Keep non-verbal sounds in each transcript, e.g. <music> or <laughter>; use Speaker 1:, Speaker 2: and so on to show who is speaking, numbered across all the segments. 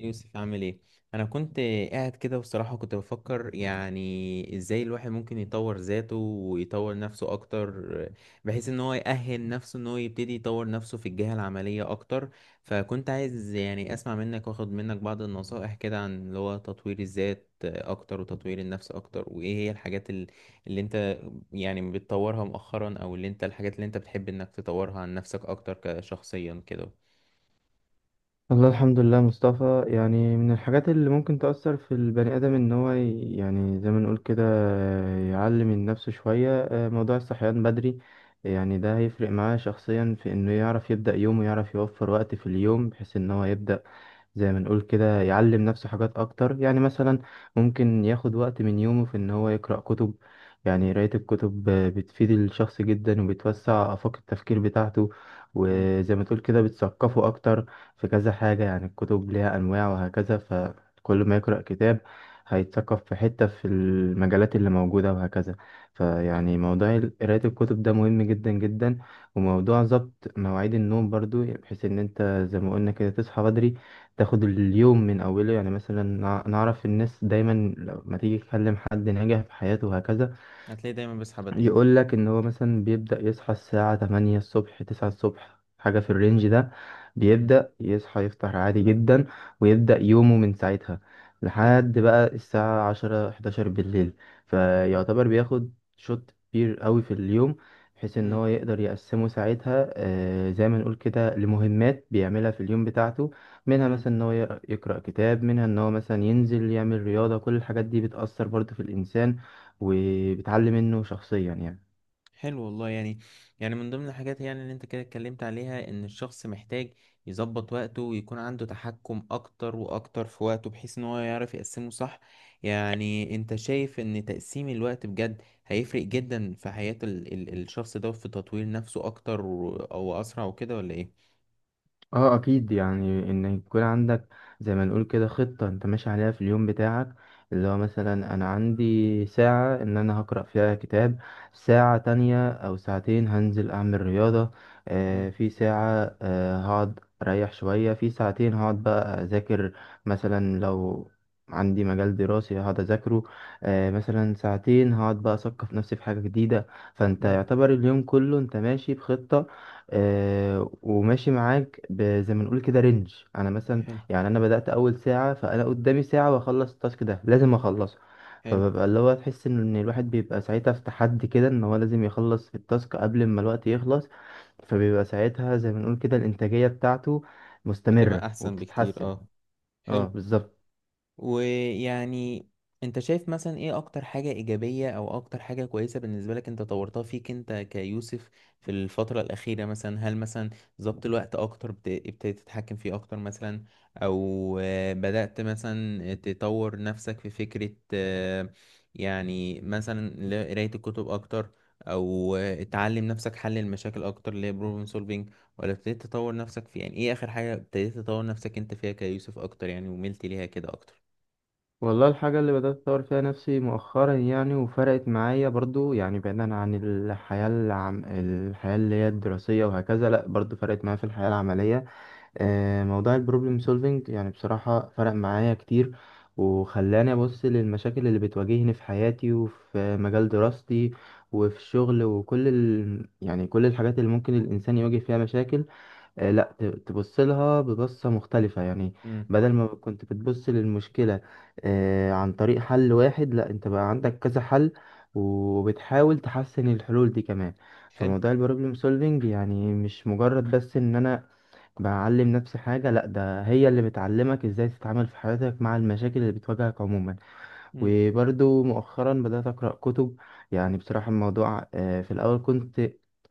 Speaker 1: يوسف، عامل ايه؟ انا كنت قاعد كده، بصراحة كنت بفكر يعني ازاي الواحد ممكن يطور ذاته ويطور نفسه اكتر، بحيث ان هو يأهل نفسه، ان هو يبتدي يطور نفسه في الجهة العملية اكتر. فكنت عايز يعني اسمع منك واخد منك بعض النصائح كده عن اللي هو تطوير الذات اكتر وتطوير النفس اكتر، وايه هي الحاجات اللي انت يعني بتطورها مؤخرا، او اللي انت الحاجات اللي انت بتحب انك تطورها عن نفسك اكتر كشخصيا كده.
Speaker 2: والله، الحمد لله مصطفى. يعني من الحاجات اللي ممكن تأثر في البني آدم إن هو يعني زي ما نقول كده يعلم من نفسه شوية، موضوع الصحيان بدري. يعني ده هيفرق معاه شخصيا في إنه يعرف يبدأ يومه، يعرف يوفر وقت في اليوم بحيث إن هو يبدأ زي ما نقول كده يعلم نفسه حاجات أكتر. يعني مثلا ممكن ياخد وقت من يومه في إن هو يقرأ كتب. يعني قراية الكتب بتفيد الشخص جدا، وبتوسع آفاق التفكير بتاعته،
Speaker 1: مم.
Speaker 2: وزي ما تقول كده بتثقفه أكتر. في كذا حاجة، يعني الكتب ليها أنواع وهكذا، فكل ما يقرأ كتاب هيتثقف في حتة في المجالات اللي موجودة وهكذا. فيعني موضوع قراية الكتب ده مهم جدا جدا. وموضوع ظبط مواعيد النوم برضو، بحيث إن أنت زي ما قلنا كده تصحى بدري، تاخد اليوم من أوله. يعني مثلا نعرف الناس دايما لما تيجي تكلم حد ناجح في حياته وهكذا،
Speaker 1: هتلاقي دايما بصحى بدري.
Speaker 2: يقول لك ان هو مثلا بيبدأ يصحى الساعة 8 الصبح، 9 الصبح، حاجة في الرينج ده. بيبدأ يصحى، يفطر عادي جدا، ويبدأ يومه من ساعتها
Speaker 1: حلو.
Speaker 2: لحد بقى الساعة 10، 11 بالليل.
Speaker 1: حلو.
Speaker 2: فيعتبر بياخد شوت كبير قوي في اليوم، بحيث ان
Speaker 1: مم.
Speaker 2: هو يقدر يقسمه ساعتها زي ما نقول كده لمهمات بيعملها في اليوم بتاعته. منها
Speaker 1: مم.
Speaker 2: مثلا ان هو يقرأ كتاب، منها ان هو مثلا ينزل يعمل رياضة. كل الحاجات دي بتأثر برضه في الإنسان وبتعلي منه شخصيا يعني.
Speaker 1: حلو والله يعني. يعني من ضمن الحاجات يعني اللي انت كده اتكلمت عليها ان الشخص محتاج يظبط وقته ويكون عنده تحكم اكتر واكتر في وقته، بحيث ان هو يعرف يقسمه صح. يعني انت شايف ان تقسيم الوقت بجد هيفرق جدا في حياة ال الشخص ده في تطوير نفسه اكتر او اسرع وكده ولا ايه؟
Speaker 2: اه، اكيد. يعني ان يكون عندك زي ما نقول كده خطة انت ماشي عليها في اليوم بتاعك، اللي هو مثلا انا عندي ساعة ان انا هقرأ فيها كتاب، ساعة تانية او ساعتين هنزل اعمل رياضة،
Speaker 1: مم.
Speaker 2: في ساعة هقعد اريح شوية، في ساعتين هقعد بقى اذاكر. مثلا لو عندي مجال دراسي هقعد اذاكره، مثلا ساعتين هقعد بقى اثقف نفسي في حاجة جديدة. فانت
Speaker 1: مم.
Speaker 2: يعتبر اليوم كله انت ماشي بخطة، وماشي معاك زي ما نقول كده رينج. انا مثلا،
Speaker 1: حلو.
Speaker 2: يعني انا بدأت اول ساعة، فانا قدامي ساعة واخلص التاسك ده، لازم اخلصه.
Speaker 1: حلو.
Speaker 2: فببقى اللي هو تحس ان الواحد بيبقى ساعتها في تحدي كده، ان هو لازم يخلص التاسك قبل ما الوقت يخلص. فبيبقى ساعتها زي ما نقول كده الانتاجية بتاعته مستمرة
Speaker 1: بتبقى احسن بكتير
Speaker 2: وبتتحسن.
Speaker 1: اه.
Speaker 2: اه،
Speaker 1: حلو.
Speaker 2: بالظبط.
Speaker 1: ويعني انت شايف مثلا ايه اكتر حاجة ايجابية او اكتر حاجة كويسة بالنسبة لك انت طورتها فيك انت كيوسف في الفترة الاخيرة مثلا؟ هل مثلا ظبط الوقت اكتر، ابتديت تتحكم فيه اكتر مثلا، او بدأت مثلا تطور نفسك في فكرة، يعني مثلا قراية الكتب اكتر، او تعلم نفسك حل المشاكل اكتر اللي هي بروبلم سولفينج، ولا ابتديت تطور نفسك في، يعني ايه اخر حاجة ابتديت تطور نفسك انت فيها كيوسف اكتر يعني وملت ليها كده اكتر؟
Speaker 2: والله، الحاجة اللي بدأت أطور فيها نفسي مؤخرا يعني وفرقت معايا برضو، يعني بعيدا عن الحياة الحياة اللي هي الدراسية وهكذا، لأ برضو فرقت معايا في الحياة العملية. موضوع البروبلم سولفينج يعني بصراحة فرق معايا كتير، وخلاني أبص للمشاكل اللي بتواجهني في حياتي وفي مجال دراستي وفي الشغل وكل يعني كل الحاجات اللي ممكن الإنسان يواجه فيها مشاكل، لا تبص لها ببصة مختلفة يعني.
Speaker 1: امم.
Speaker 2: بدل ما كنت بتبص للمشكلة عن طريق حل واحد، لا انت بقى عندك كذا حل، وبتحاول تحسن الحلول دي كمان.
Speaker 1: حلو.
Speaker 2: فموضوع البروبلم سولفينج يعني مش مجرد بس ان انا بعلم نفسي حاجة، لا، ده هي اللي بتعلمك ازاي تتعامل في حياتك مع المشاكل اللي بتواجهك عموما.
Speaker 1: امم.
Speaker 2: وبرضو مؤخرا بدأت أقرأ كتب. يعني بصراحة الموضوع في الأول كنت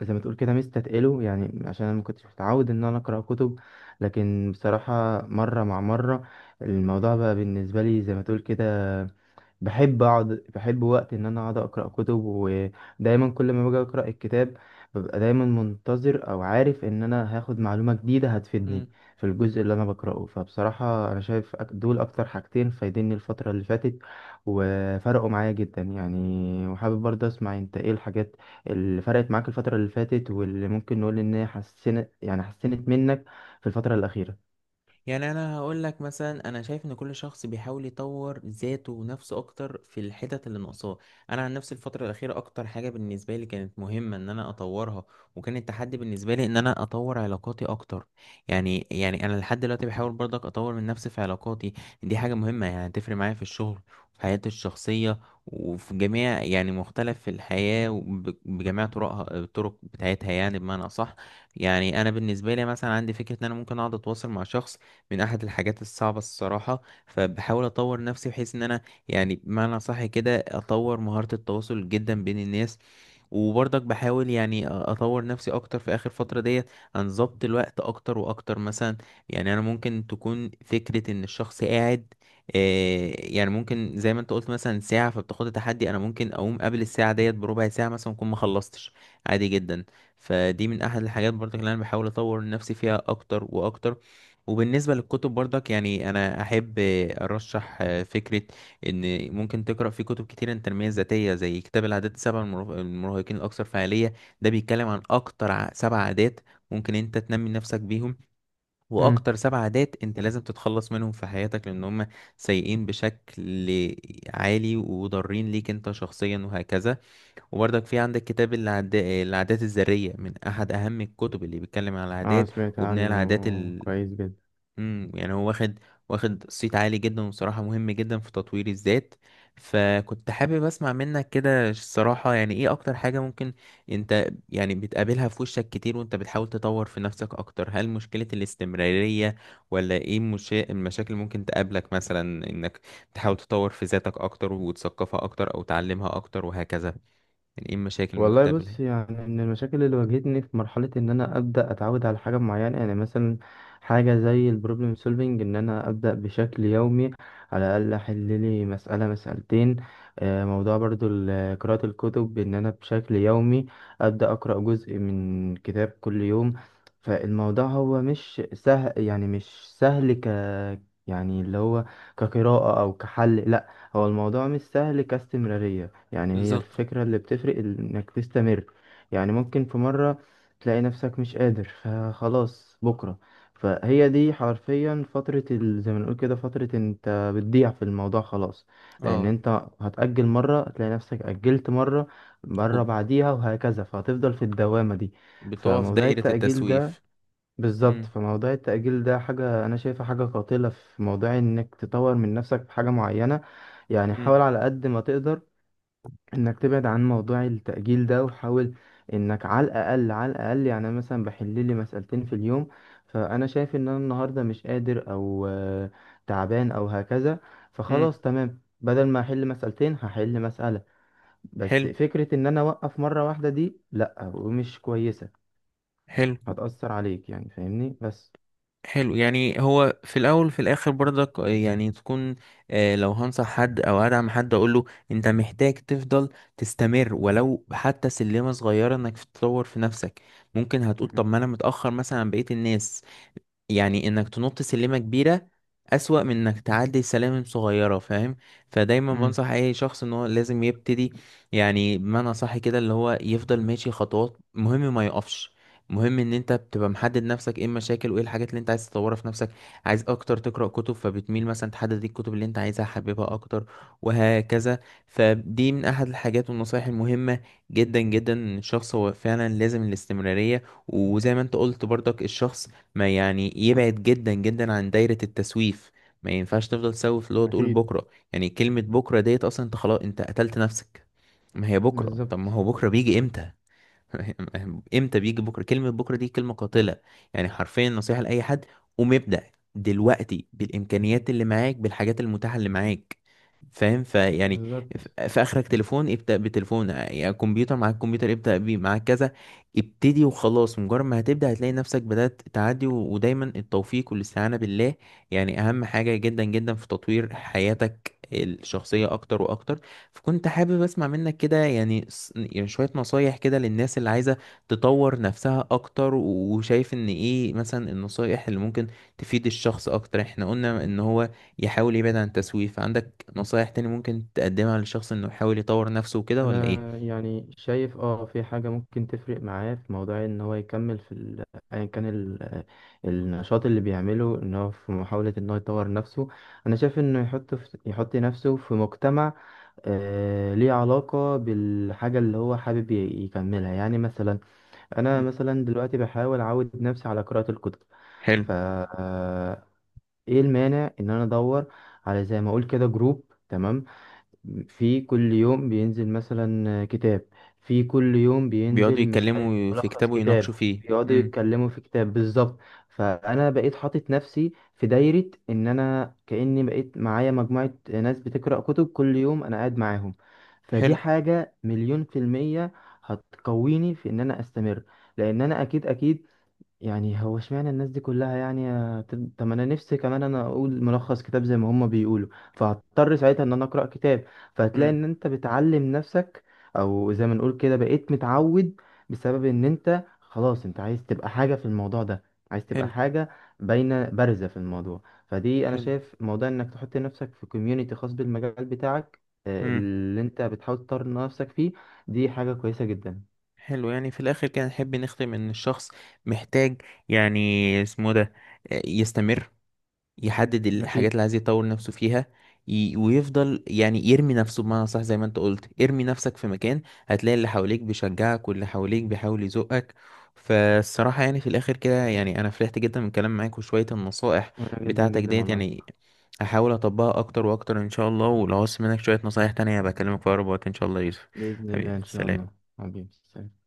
Speaker 2: زي ما تقول كده مستثقله، يعني عشان أنا ما كنتش متعود إن أنا أقرأ كتب. لكن بصراحة مرة مع مرة الموضوع بقى بالنسبة لي زي ما تقول كده، بحب اقعد، بحب وقت ان انا اقعد اقرا كتب، ودايما كل ما باجي اقرا الكتاب ببقى دايما منتظر او عارف ان انا هاخد معلومه جديده هتفيدني
Speaker 1: امم.
Speaker 2: في الجزء اللي انا بقراه. فبصراحه انا شايف دول اكتر حاجتين فايديني الفتره اللي فاتت وفرقوا معايا جدا، يعني وحابب برضه اسمع انت ايه الحاجات اللي فرقت معاك الفتره اللي فاتت واللي ممكن نقول ان هي حسنت يعني حسنت منك في الفتره الاخيره.
Speaker 1: يعني انا هقول لك مثلا، انا شايف ان كل شخص بيحاول يطور ذاته ونفسه اكتر في الحتت اللي ناقصاه. انا عن نفسي الفتره الاخيره اكتر حاجه بالنسبه لي كانت مهمه ان انا اطورها، وكان التحدي بالنسبه لي ان انا اطور علاقاتي اكتر. يعني انا لحد دلوقتي بحاول برضك اطور من نفسي في علاقاتي. دي حاجه مهمه، يعني هتفرق معايا في الشغل وفي حياتي الشخصيه، وفي جميع يعني مختلف في الحياه، بجميع طرقها الطرق بتاعتها يعني بمعنى اصح. يعني انا بالنسبه لي مثلا عندي فكره ان انا ممكن اقعد اتواصل مع شخص، من احد الحاجات الصعبة الصراحة. فبحاول اطور نفسي بحيث ان انا يعني بمعنى صح كده اطور مهارة التواصل جدا بين الناس. وبرضك بحاول يعني اطور نفسي اكتر في اخر فترة ديت، عن ضبط الوقت اكتر واكتر مثلا. يعني انا ممكن تكون فكرة ان الشخص قاعد، يعني ممكن زي ما انت قلت مثلا ساعة فبتاخد تحدي، انا ممكن اقوم قبل الساعة ديت بربع ساعة مثلا اكون ما خلصتش، عادي جدا. فدي من احد الحاجات برضك اللي انا بحاول اطور نفسي فيها اكتر واكتر. وبالنسبة للكتب برضك، يعني أنا أحب أرشح فكرة، إن ممكن تقرأ في كتب كتير عن التنمية الذاتية، زي كتاب العادات السبع المراهقين الأكثر فعالية. ده بيتكلم عن أكتر سبع عادات ممكن أنت تنمي نفسك بيهم،
Speaker 2: مم.
Speaker 1: وأكتر سبع عادات أنت لازم تتخلص منهم في حياتك، لأن هم سيئين بشكل عالي وضارين ليك أنت شخصيا وهكذا. وبرضك في عندك كتاب العادات الذرية، من أحد أهم الكتب اللي بيتكلم عن
Speaker 2: اه،
Speaker 1: العادات
Speaker 2: سمعت
Speaker 1: وبناء
Speaker 2: عنه.
Speaker 1: العادات.
Speaker 2: كويس جدا.
Speaker 1: امم. يعني هو واخد صيت عالي جدا، وبصراحة مهم جدا في تطوير الذات. فكنت حابب اسمع منك كده الصراحة، يعني ايه اكتر حاجة ممكن انت يعني بتقابلها في وشك كتير وانت بتحاول تطور في نفسك اكتر؟ هل مشكلة الاستمرارية ولا ايه المشاكل ممكن تقابلك مثلا، انك تحاول تطور في ذاتك اكتر وتثقفها اكتر او تعلمها اكتر وهكذا؟ يعني ايه المشاكل ممكن
Speaker 2: والله، بص
Speaker 1: تقابلها؟
Speaker 2: يعني من المشاكل اللي واجهتني في مرحلة إن أنا أبدأ أتعود على حاجة معينة، يعني مثلا حاجة زي البروبلم سولفينج إن أنا أبدأ بشكل يومي على الأقل أحل لي مسألة مسألتين. موضوع برضو قراءة الكتب إن أنا بشكل يومي أبدأ أقرأ جزء من كتاب كل يوم. فالموضوع هو مش سهل، يعني مش سهل يعني اللي هو كقراءة أو كحل، لأ، هو الموضوع مش سهل كاستمرارية. يعني هي
Speaker 1: بالظبط.
Speaker 2: الفكرة اللي بتفرق إنك تستمر. يعني ممكن في مرة تلاقي نفسك مش قادر فخلاص بكرة، فهي دي حرفيا فترة زي ما نقول كده فترة انت بتضيع في الموضوع خلاص. لأن
Speaker 1: اه.
Speaker 2: انت هتأجل مرة، هتلاقي نفسك أجلت مرة، مرة
Speaker 1: وب-
Speaker 2: بعديها وهكذا، فهتفضل في الدوامة دي.
Speaker 1: بتقف
Speaker 2: فموضوع
Speaker 1: دايرة
Speaker 2: التأجيل
Speaker 1: التسويف.
Speaker 2: ده، بالظبط.
Speaker 1: امم.
Speaker 2: فموضوع التأجيل ده حاجة أنا شايفها حاجة قاتلة في موضوع إنك تطور من نفسك في حاجة معينة. يعني حاول
Speaker 1: امم.
Speaker 2: على قد ما تقدر انك تبعد عن موضوع التأجيل ده، وحاول انك على الاقل، على الاقل، يعني انا مثلا بحل لي مسألتين في اليوم، فانا شايف ان انا النهارده مش قادر او تعبان او هكذا،
Speaker 1: امم.
Speaker 2: فخلاص تمام، بدل ما احل مسألتين هحل مسألة. بس
Speaker 1: حلو.
Speaker 2: فكرة ان انا اوقف مرة واحدة دي لا، ومش كويسة،
Speaker 1: حلو.
Speaker 2: هتأثر عليك يعني، فاهمني بس.
Speaker 1: حلو. يعني هو في الاول في الاخر برضك يعني تكون، لو هنصح حد او ادعم حد اقول له انت محتاج تفضل تستمر، ولو حتى سلمة صغيرة انك تطور في نفسك. ممكن هتقول طب
Speaker 2: مم.
Speaker 1: ما انا متأخر مثلا عن بقية الناس، يعني انك تنط سلمة كبيرة اسوأ من انك تعدي سلالم صغيرة، فاهم؟ فدايما
Speaker 2: مم.
Speaker 1: بنصح اي شخص ان هو لازم يبتدي، يعني بمعنى صح كده اللي هو يفضل ماشي خطوات، مهم ما يقفش. مهم ان انت بتبقى محدد نفسك ايه المشاكل وايه الحاجات اللي انت عايز تطورها في نفسك. عايز اكتر تقرأ كتب، فبتميل مثلا تحدد الكتب اللي انت عايزها حاببها اكتر وهكذا. فدي من احد الحاجات والنصائح المهمة جدا جدا، إن الشخص هو فعلا لازم الاستمرارية. وزي ما انت قلت برضك، الشخص ما يعني يبعد جدا جدا عن دايرة التسويف. ما ينفعش تفضل تسوف، اللي هو تقول
Speaker 2: أكيد.
Speaker 1: بكرة، يعني كلمة بكرة ديت اصلا انت خلاص، انت قتلت نفسك. ما هي بكرة، طب ما
Speaker 2: بالظبط،
Speaker 1: هو بكرة بيجي امتى؟ <laughs> امتى بيجي بكره؟ كلمه بكره دي كلمه قاتله. يعني حرفيا نصيحه لاي حد، قوم ابدا دلوقتي بالامكانيات اللي معاك، بالحاجات المتاحه اللي معاك، فاهم؟ فيعني
Speaker 2: بالظبط.
Speaker 1: في اخرك تليفون ابدا بتليفون، يعني كمبيوتر معاك كمبيوتر ابدا بيه، معاك كذا ابتدي وخلاص. مجرد ما هتبدا هتلاقي نفسك بدات تعدي، ودايما التوفيق والاستعانه بالله يعني اهم حاجه جدا جدا في تطوير حياتك الشخصيه اكتر واكتر. فكنت حابب اسمع منك كده، يعني يعني شوية نصايح كده للناس اللي عايزة تطور نفسها اكتر، وشايف ان ايه مثلا النصايح اللي ممكن تفيد الشخص اكتر. احنا قلنا ان هو يحاول يبعد عن التسويف، فعندك نصايح تاني ممكن تقدمها للشخص انه يحاول يطور نفسه وكده ولا
Speaker 2: انا
Speaker 1: ايه؟
Speaker 2: يعني شايف في حاجة ممكن تفرق معاه في موضوع ان هو يكمل في ايا كان النشاط اللي بيعمله ان هو في محاولة ان هو يطور نفسه. انا شايف انه يحط نفسه في مجتمع ليه علاقة بالحاجة اللي هو حابب يكملها. يعني مثلا انا
Speaker 1: مم.
Speaker 2: مثلا دلوقتي بحاول اعود نفسي على قراءة الكتب،
Speaker 1: حلو.
Speaker 2: ف آه، ايه المانع ان انا ادور على زي ما اقول كده جروب، تمام، في كل يوم بينزل مثلا كتاب، في كل يوم
Speaker 1: بيقعدوا
Speaker 2: بينزل مش عارف
Speaker 1: يتكلموا في
Speaker 2: ملخص
Speaker 1: كتابه
Speaker 2: كتاب،
Speaker 1: ويناقشوا فيه.
Speaker 2: بيقعدوا
Speaker 1: امم.
Speaker 2: يتكلموا في كتاب. بالظبط. فانا بقيت حاطط نفسي في دايرة ان انا كأني بقيت معايا مجموعة ناس بتقرأ كتب كل يوم انا قاعد معاهم. فدي
Speaker 1: حلو.
Speaker 2: حاجة مليون في المية هتقويني في ان انا استمر، لان انا اكيد اكيد، يعني هو اشمعنى الناس دي كلها، يعني طب طب ما انا نفسي كمان انا اقول ملخص كتاب زي ما هما بيقولوا. فهضطر ساعتها ان انا اقرا كتاب، فهتلاقي
Speaker 1: امم.
Speaker 2: ان انت بتعلم نفسك او زي ما نقول كده بقيت متعود، بسبب ان انت خلاص انت عايز تبقى حاجة في الموضوع ده، عايز تبقى
Speaker 1: حلو.
Speaker 2: حاجة باينة بارزة في الموضوع. فدي انا
Speaker 1: حلو.
Speaker 2: شايف موضوع انك تحط نفسك في كوميونيتي خاص بالمجال بتاعك،
Speaker 1: امم.
Speaker 2: اللي انت بتحاول تطور نفسك فيه، دي حاجة كويسة جدا.
Speaker 1: حلو. يعني في الاخر كده نحب نختم ان الشخص محتاج، يعني اسمه ده، يستمر، يحدد الحاجات
Speaker 2: اكيد.
Speaker 1: اللي عايز يطور نفسه فيها، ويفضل يعني يرمي نفسه بمعنى صح، زي ما انت قلت ارمي نفسك في مكان هتلاقي اللي حواليك بيشجعك واللي حواليك بيحاول يزقك. فالصراحة يعني في الآخر كده، يعني أنا فرحت جدا من الكلام معاك وشوية النصائح
Speaker 2: وانا جدا
Speaker 1: بتاعتك
Speaker 2: جدا
Speaker 1: ديت،
Speaker 2: والله.
Speaker 1: يعني هحاول أطبقها أكتر وأكتر إن شاء الله، ولو عوزت منك شوية نصايح تانية بكلمك في أقرب وقت إن شاء الله يا يوسف.
Speaker 2: بإذن
Speaker 1: حبيبي،
Speaker 2: الله إن شاء الله.
Speaker 1: سلام.
Speaker 2: حبيبي سلام.